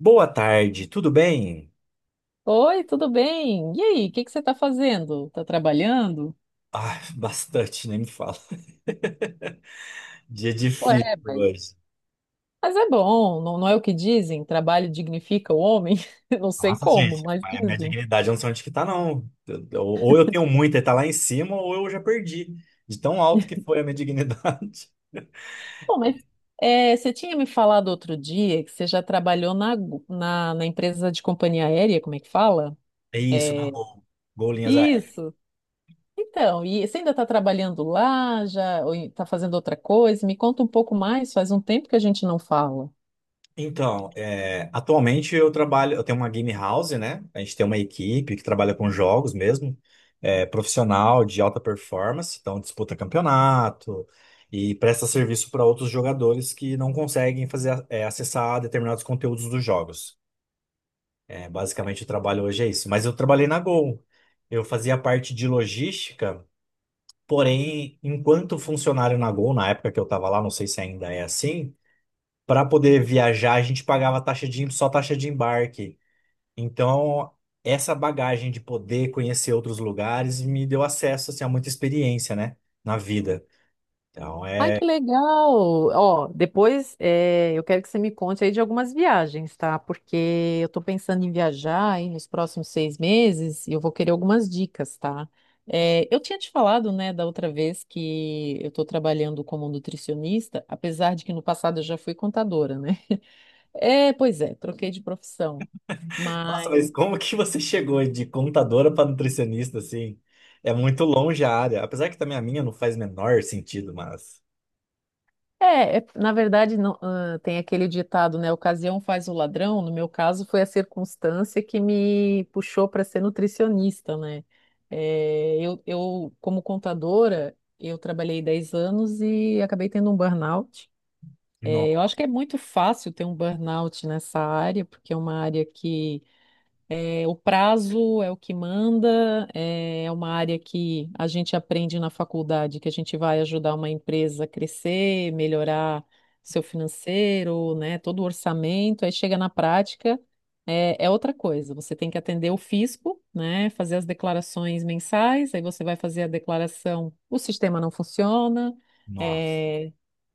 Boa tarde, tudo bem? Oi, tudo bem? E aí, o que que você está fazendo? Está trabalhando? Ah, bastante, nem me fala. Dia Ué, difícil mas hoje. Mas é bom, não, não é o que dizem? Trabalho dignifica o homem? Eu não sei Nossa, como, gente, mas é a minha dizem. dignidade eu não sei onde que tá, não. Ou eu tenho muita e tá lá em cima, ou eu já perdi. De tão alto que foi a minha dignidade. Bom, mas você tinha me falado outro dia que você já trabalhou na na empresa de companhia aérea, como é que fala? É isso, na É, Gol. Golinhas aéreas. isso. Então, e você ainda está trabalhando lá, já, ou está fazendo outra coisa? Me conta um pouco mais, faz um tempo que a gente não fala. Então, atualmente eu trabalho, eu tenho uma game house, né? A gente tem uma equipe que trabalha com jogos mesmo, profissional de alta performance, então disputa campeonato e presta serviço para outros jogadores que não conseguem fazer, acessar determinados conteúdos dos jogos. É, basicamente o trabalho hoje é isso. Mas eu trabalhei na Gol. Eu fazia parte de logística, porém, enquanto funcionário na Gol, na época que eu estava lá, não sei se ainda é assim. Para poder viajar, a gente pagava só taxa de embarque. Então, essa bagagem de poder conhecer outros lugares me deu acesso assim, a muita experiência, né, na vida. Então, Ai, que é. legal! Ó, depois eu quero que você me conte aí de algumas viagens, tá? Porque eu tô pensando em viajar aí nos próximos 6 meses e eu vou querer algumas dicas, tá? Eu tinha te falado, né, da outra vez que eu tô trabalhando como nutricionista, apesar de que no passado eu já fui contadora, né? É, pois é, troquei de profissão. Nossa, mas como que você chegou de contadora para nutricionista assim? É muito longe a área. Apesar que também a minha não faz o menor sentido, mas. Na verdade, não, ah, tem aquele ditado, né? Ocasião faz o ladrão. No meu caso, foi a circunstância que me puxou para ser nutricionista, né? É, eu, como contadora, eu trabalhei 10 anos e acabei tendo um burnout. No- É, eu acho que é muito fácil ter um burnout nessa área, porque é uma área que o prazo é o que manda, é uma área que a gente aprende na faculdade, que a gente vai ajudar uma empresa a crescer, melhorar seu financeiro, né, todo o orçamento, aí chega na prática, é outra coisa. Você tem que atender o fisco, né, fazer as declarações mensais, aí você vai fazer a declaração, o sistema não funciona, Nossa. é,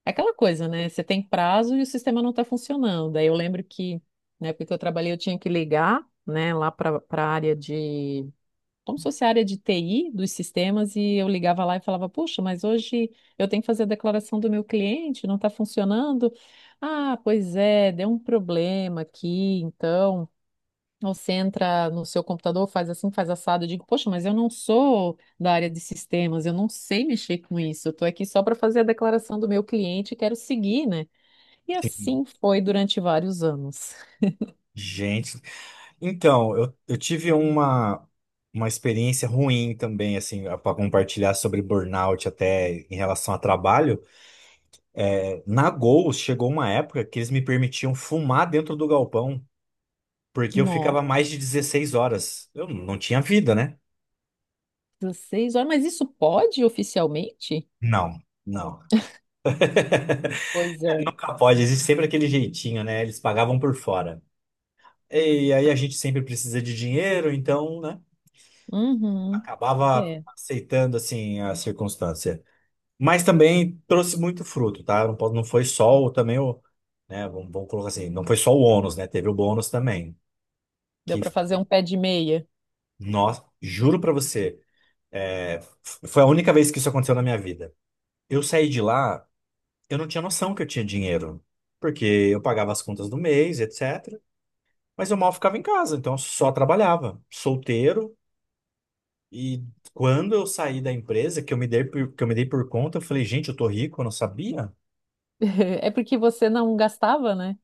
é aquela coisa, né? Você tem prazo e o sistema não está funcionando. Aí eu lembro que na época que eu trabalhei, eu tinha que ligar, né, lá para a área de. Como se fosse a área de TI dos sistemas, e eu ligava lá e falava: Puxa, mas hoje eu tenho que fazer a declaração do meu cliente, não está funcionando. Ah, pois é, deu um problema aqui, então. Você entra no seu computador, faz assim, faz assado. Eu digo, poxa, mas eu não sou da área de sistemas, eu não sei mexer com isso. Eu estou aqui só para fazer a declaração do meu cliente e quero seguir, né? E assim foi durante vários anos. Gente, então, eu tive uma experiência ruim também, assim, para compartilhar sobre burnout até em relação a trabalho. É, na Gol, chegou uma época que eles me permitiam fumar dentro do galpão, porque eu ficava Nossa, mais de 16 horas. Eu não tinha vida, né? 6 horas, mas isso pode oficialmente? Não, não. Pois é. Nunca pode, existe sempre aquele jeitinho, né? Eles pagavam por fora. E aí a gente sempre precisa de dinheiro, então, né? Uhum, Acabava é. aceitando, assim, a circunstância. Mas também trouxe muito fruto, tá? Não, não foi só o, também o, né? Vamos colocar assim, não foi só o ônus, né? Teve o bônus também. Deu Que, para fazer um pé de meia. nossa, juro pra você, é, foi a única vez que isso aconteceu na minha vida. Eu saí de lá, eu não tinha noção que eu tinha dinheiro, porque eu pagava as contas do mês, etc. Mas eu mal ficava em casa, então eu só trabalhava, solteiro. E quando eu saí da empresa, que eu me dei por conta, eu falei, gente, eu tô rico, eu não sabia. É porque você não gastava, né?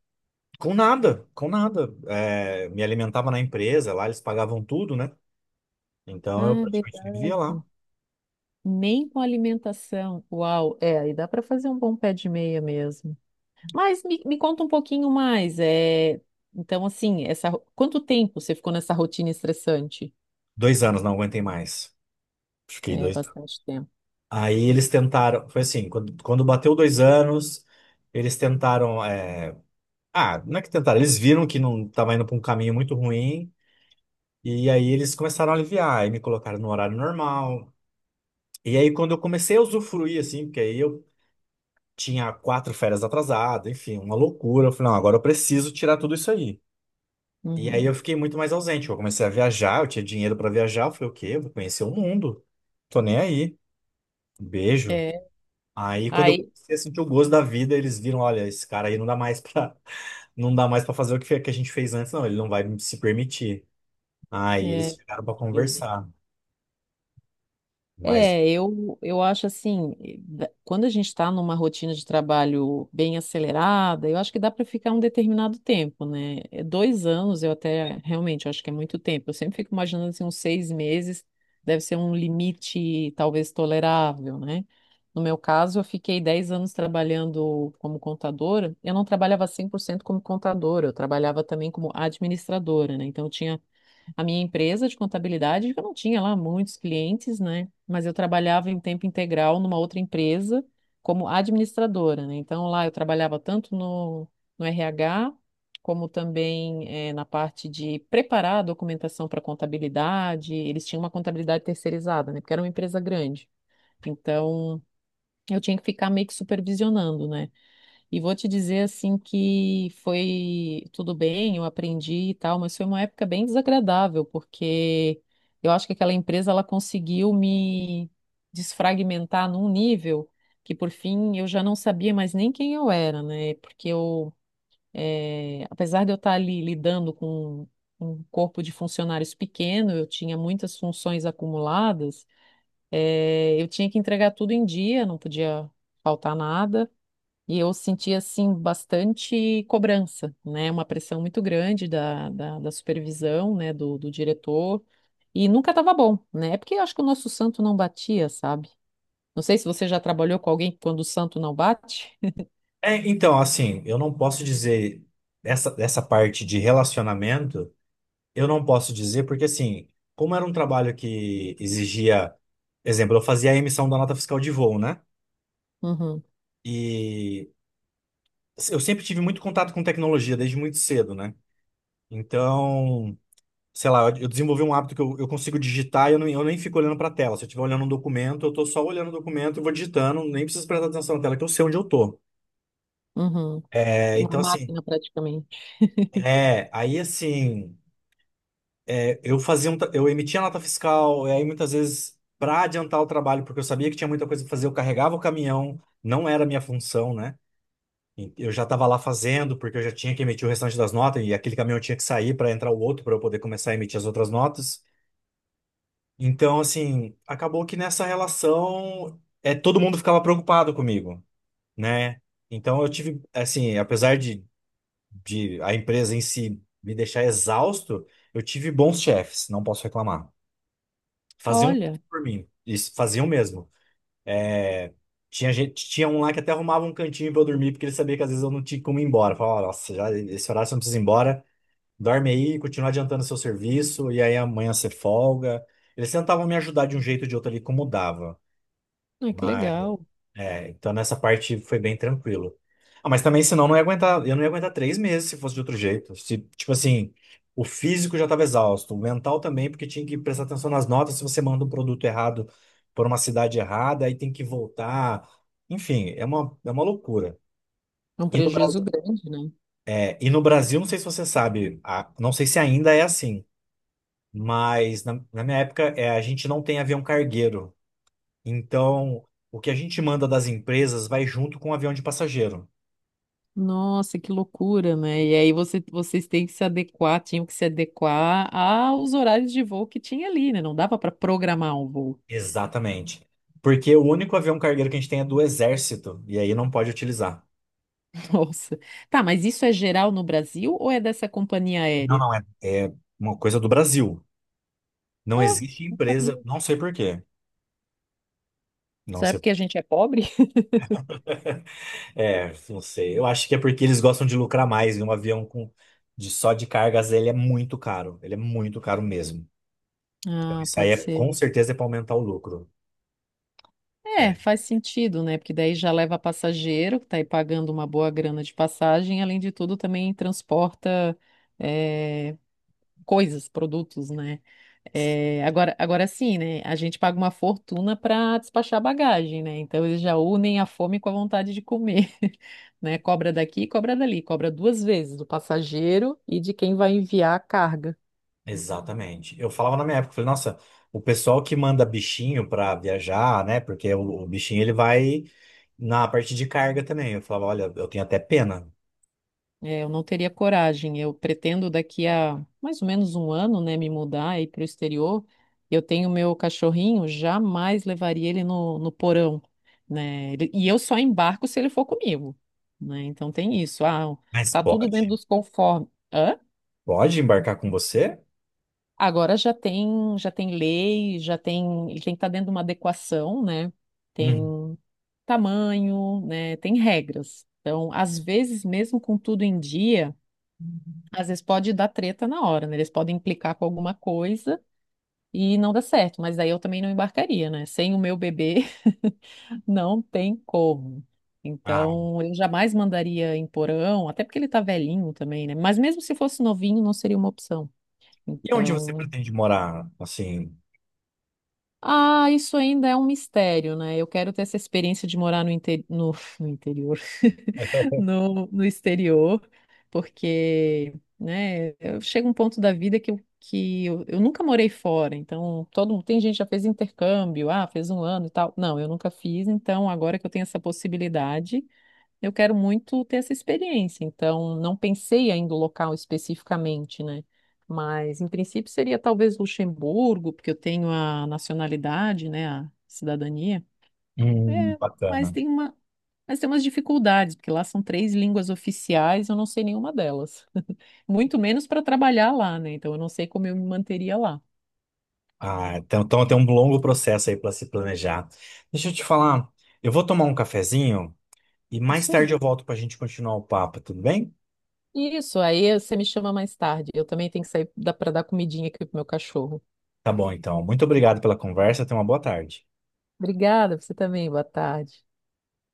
Com nada, com nada. É, me alimentava na empresa, lá eles pagavam tudo, né? Então Ah, eu é praticamente vivia verdade. lá. Nem com alimentação. Uau, é, aí dá para fazer um bom pé de meia mesmo. Mas me conta um pouquinho mais. Então, assim, quanto tempo você ficou nessa rotina estressante? 2 anos, não aguentei mais. Fiquei É 2 anos. bastante tempo. Aí eles tentaram, foi assim, quando bateu 2 anos, eles tentaram. Não é que tentaram, eles viram que não estava indo para um caminho muito ruim, e aí eles começaram a aliviar, aí me colocaram no horário normal. E aí quando eu comecei a usufruir, assim, porque aí eu tinha quatro férias atrasadas, enfim, uma loucura. Eu falei, não, agora eu preciso tirar tudo isso aí. E aí eu Uhum. fiquei muito mais ausente. Eu comecei a viajar, eu tinha dinheiro pra viajar. Eu falei, o quê? Eu vou conhecer o mundo. Tô nem aí. Beijo. É. Aí quando eu Aí, comecei a sentir o gosto da vida, eles viram, olha, esse cara aí não dá mais pra, não dá mais para fazer o que que a gente fez antes, não. Ele não vai se permitir. Aí eles é... chegaram pra conversar. Mas É, eu acho assim, quando a gente está numa rotina de trabalho bem acelerada, eu acho que dá para ficar um determinado tempo, né? 2 anos, eu até realmente eu acho que é muito tempo. Eu sempre fico imaginando assim, uns 6 meses deve ser um limite talvez tolerável, né? No meu caso, eu fiquei 10 anos trabalhando como contadora. Eu não trabalhava 100% como contadora, eu trabalhava também como administradora, né? Então, eu tinha a minha empresa de contabilidade, que eu não tinha lá muitos clientes, né? Mas eu trabalhava em tempo integral numa outra empresa como administradora, né? Então lá eu trabalhava tanto no, RH, como também na parte de preparar a documentação para contabilidade. Eles tinham uma contabilidade terceirizada, né? Porque era uma empresa grande. Então eu tinha que ficar meio que supervisionando, né? E vou te dizer assim que foi tudo bem, eu aprendi e tal, mas foi uma época bem desagradável, porque eu acho que aquela empresa ela conseguiu me desfragmentar num nível que por fim eu já não sabia mais nem quem eu era, né? Porque eu, apesar de eu estar ali lidando com um corpo de funcionários pequeno, eu tinha muitas funções acumuladas, eu tinha que entregar tudo em dia, não podia faltar nada. E eu senti, assim, bastante cobrança, né? Uma pressão muito grande da da supervisão, né? Do diretor. E nunca estava bom, né? É porque eu acho que o nosso santo não batia, sabe? Não sei se você já trabalhou com alguém que quando o santo não bate. é, então, assim, eu não posso dizer essa parte de relacionamento, eu não posso dizer porque assim, como era um trabalho que exigia, exemplo, eu fazia a emissão da nota fiscal de voo, né? Uhum, E eu sempre tive muito contato com tecnologia, desde muito cedo, né? Então, sei lá, eu desenvolvi um hábito que eu, consigo digitar e eu, não, eu nem fico olhando para a tela. Se eu estiver olhando um documento, eu tô só olhando o documento e vou digitando, nem preciso prestar atenção na tela, que eu sei onde eu tô. uhum. É, Uma então, assim, máquina praticamente. Aí assim, eu fazia eu emitia nota fiscal, e aí muitas vezes, para adiantar o trabalho, porque eu sabia que tinha muita coisa para fazer, eu carregava o caminhão, não era a minha função, né? Eu já estava lá fazendo, porque eu já tinha que emitir o restante das notas, e aquele caminhão tinha que sair para entrar o outro para eu poder começar a emitir as outras notas. Então, assim, acabou que nessa relação todo mundo ficava preocupado comigo, né? Então eu tive, assim, apesar de a empresa em si me deixar exausto, eu tive bons chefes, não posso reclamar. Faziam Olha, por mim, isso, faziam mesmo. É, tinha gente, tinha um lá que até arrumava um cantinho pra eu dormir, porque ele sabia que às vezes eu não tinha como ir embora. Falava, "Ah, nossa, já, esse horário você não precisa ir embora, dorme aí, continua adiantando seu serviço, e aí amanhã você folga." Eles tentavam me ajudar de um jeito ou de outro ali, como dava. ai, que Mas legal. é, então nessa parte foi bem tranquilo. Ah, mas também, senão, eu não ia aguentar, eu não ia aguentar 3 meses se fosse de outro jeito. Se, tipo assim, o físico já estava exausto, o mental também, porque tinha que prestar atenção nas notas. Se você manda um produto errado por uma cidade errada, aí tem que voltar. Enfim, é uma loucura. É um E no prejuízo Brasil, grande, né? Não sei se você sabe, não sei se ainda é assim, mas na minha época, a gente não tem avião cargueiro. Então, o que a gente manda das empresas vai junto com o avião de passageiro. Nossa, que loucura, né? E aí você, vocês têm que se adequar, tinham que se adequar aos horários de voo que tinha ali, né? Não dava para programar um voo. Exatamente. Porque o único avião cargueiro que a gente tem é do Exército, e aí não pode utilizar. Nossa. Tá, mas isso é geral no Brasil ou é dessa companhia Não, aérea? não é. É uma coisa do Brasil. Não Ah, existe não empresa, sabia. não sei por quê. Não Será sei. porque a gente é pobre? É, não sei. Eu acho que é porque eles gostam de lucrar mais, e um avião com de só de cargas, ele é muito caro. Ele é muito caro mesmo. Então, Ah, isso aí pode é, ser. com certeza é para aumentar o lucro. É, É, faz sentido, né? Porque daí já leva passageiro, que tá aí pagando uma boa grana de passagem, além de tudo também transporta eh, coisas, produtos, né? É, agora, agora sim, né? A gente paga uma fortuna para despachar bagagem, né? Então eles já unem a fome com a vontade de comer, né? Cobra daqui, cobra dali, cobra duas vezes do passageiro e de quem vai enviar a carga. exatamente. Eu falava na minha época, eu falei, nossa, o pessoal que manda bichinho para viajar, né? Porque o bichinho ele vai na parte de carga também. Eu falava, olha, eu tenho até pena. É, eu não teria coragem. Eu pretendo daqui a mais ou menos um ano, né, me mudar e ir para o exterior. Eu tenho meu cachorrinho, jamais levaria ele no, porão, né? E eu só embarco se ele for comigo, né? Então tem isso. Ah, Mas tá tudo dentro pode? dos conformes. Hã? Pode embarcar com você? Agora já tem lei, ele tem que estar dentro de uma adequação, né? Tem Hum. tamanho, né? Tem regras. Então, às vezes, mesmo com tudo em dia às vezes pode dar treta na hora, né? Eles podem implicar com alguma coisa e não dá certo, mas aí eu também não embarcaria, né? Sem o meu bebê, não tem como. Ah, Então, eu jamais mandaria em porão, até porque ele tá velhinho também, né? Mas mesmo se fosse novinho, não seria uma opção. e onde você Então, pretende morar? Assim, ah, isso ainda é um mistério, né? Eu quero ter essa experiência de morar no, no interior, no exterior, porque, né, eu chego a um ponto da vida que eu nunca morei fora, então todo mundo, tem gente que já fez intercâmbio, ah, fez um ano e tal. Não, eu nunca fiz, então agora que eu tenho essa possibilidade, eu quero muito ter essa experiência, então não pensei ainda o local especificamente, né? Mas em princípio seria talvez Luxemburgo, porque eu tenho a nacionalidade, né, a cidadania. É, mas bacana. tem uma, mas tem umas dificuldades, porque lá são três línguas oficiais, eu não sei nenhuma delas. Muito menos para trabalhar lá, né? Então eu não sei como eu me manteria lá. Ah, então tem um longo processo aí para se planejar. Deixa eu te falar, eu vou tomar um cafezinho e mais Isso aí. tarde eu volto para a gente continuar o papo, tudo bem? Isso, aí você me chama mais tarde. Eu também tenho que sair para dar comidinha aqui pro meu cachorro. Tá bom, então. Muito obrigado pela conversa. Tenha uma boa tarde. Obrigada, você também. Boa tarde.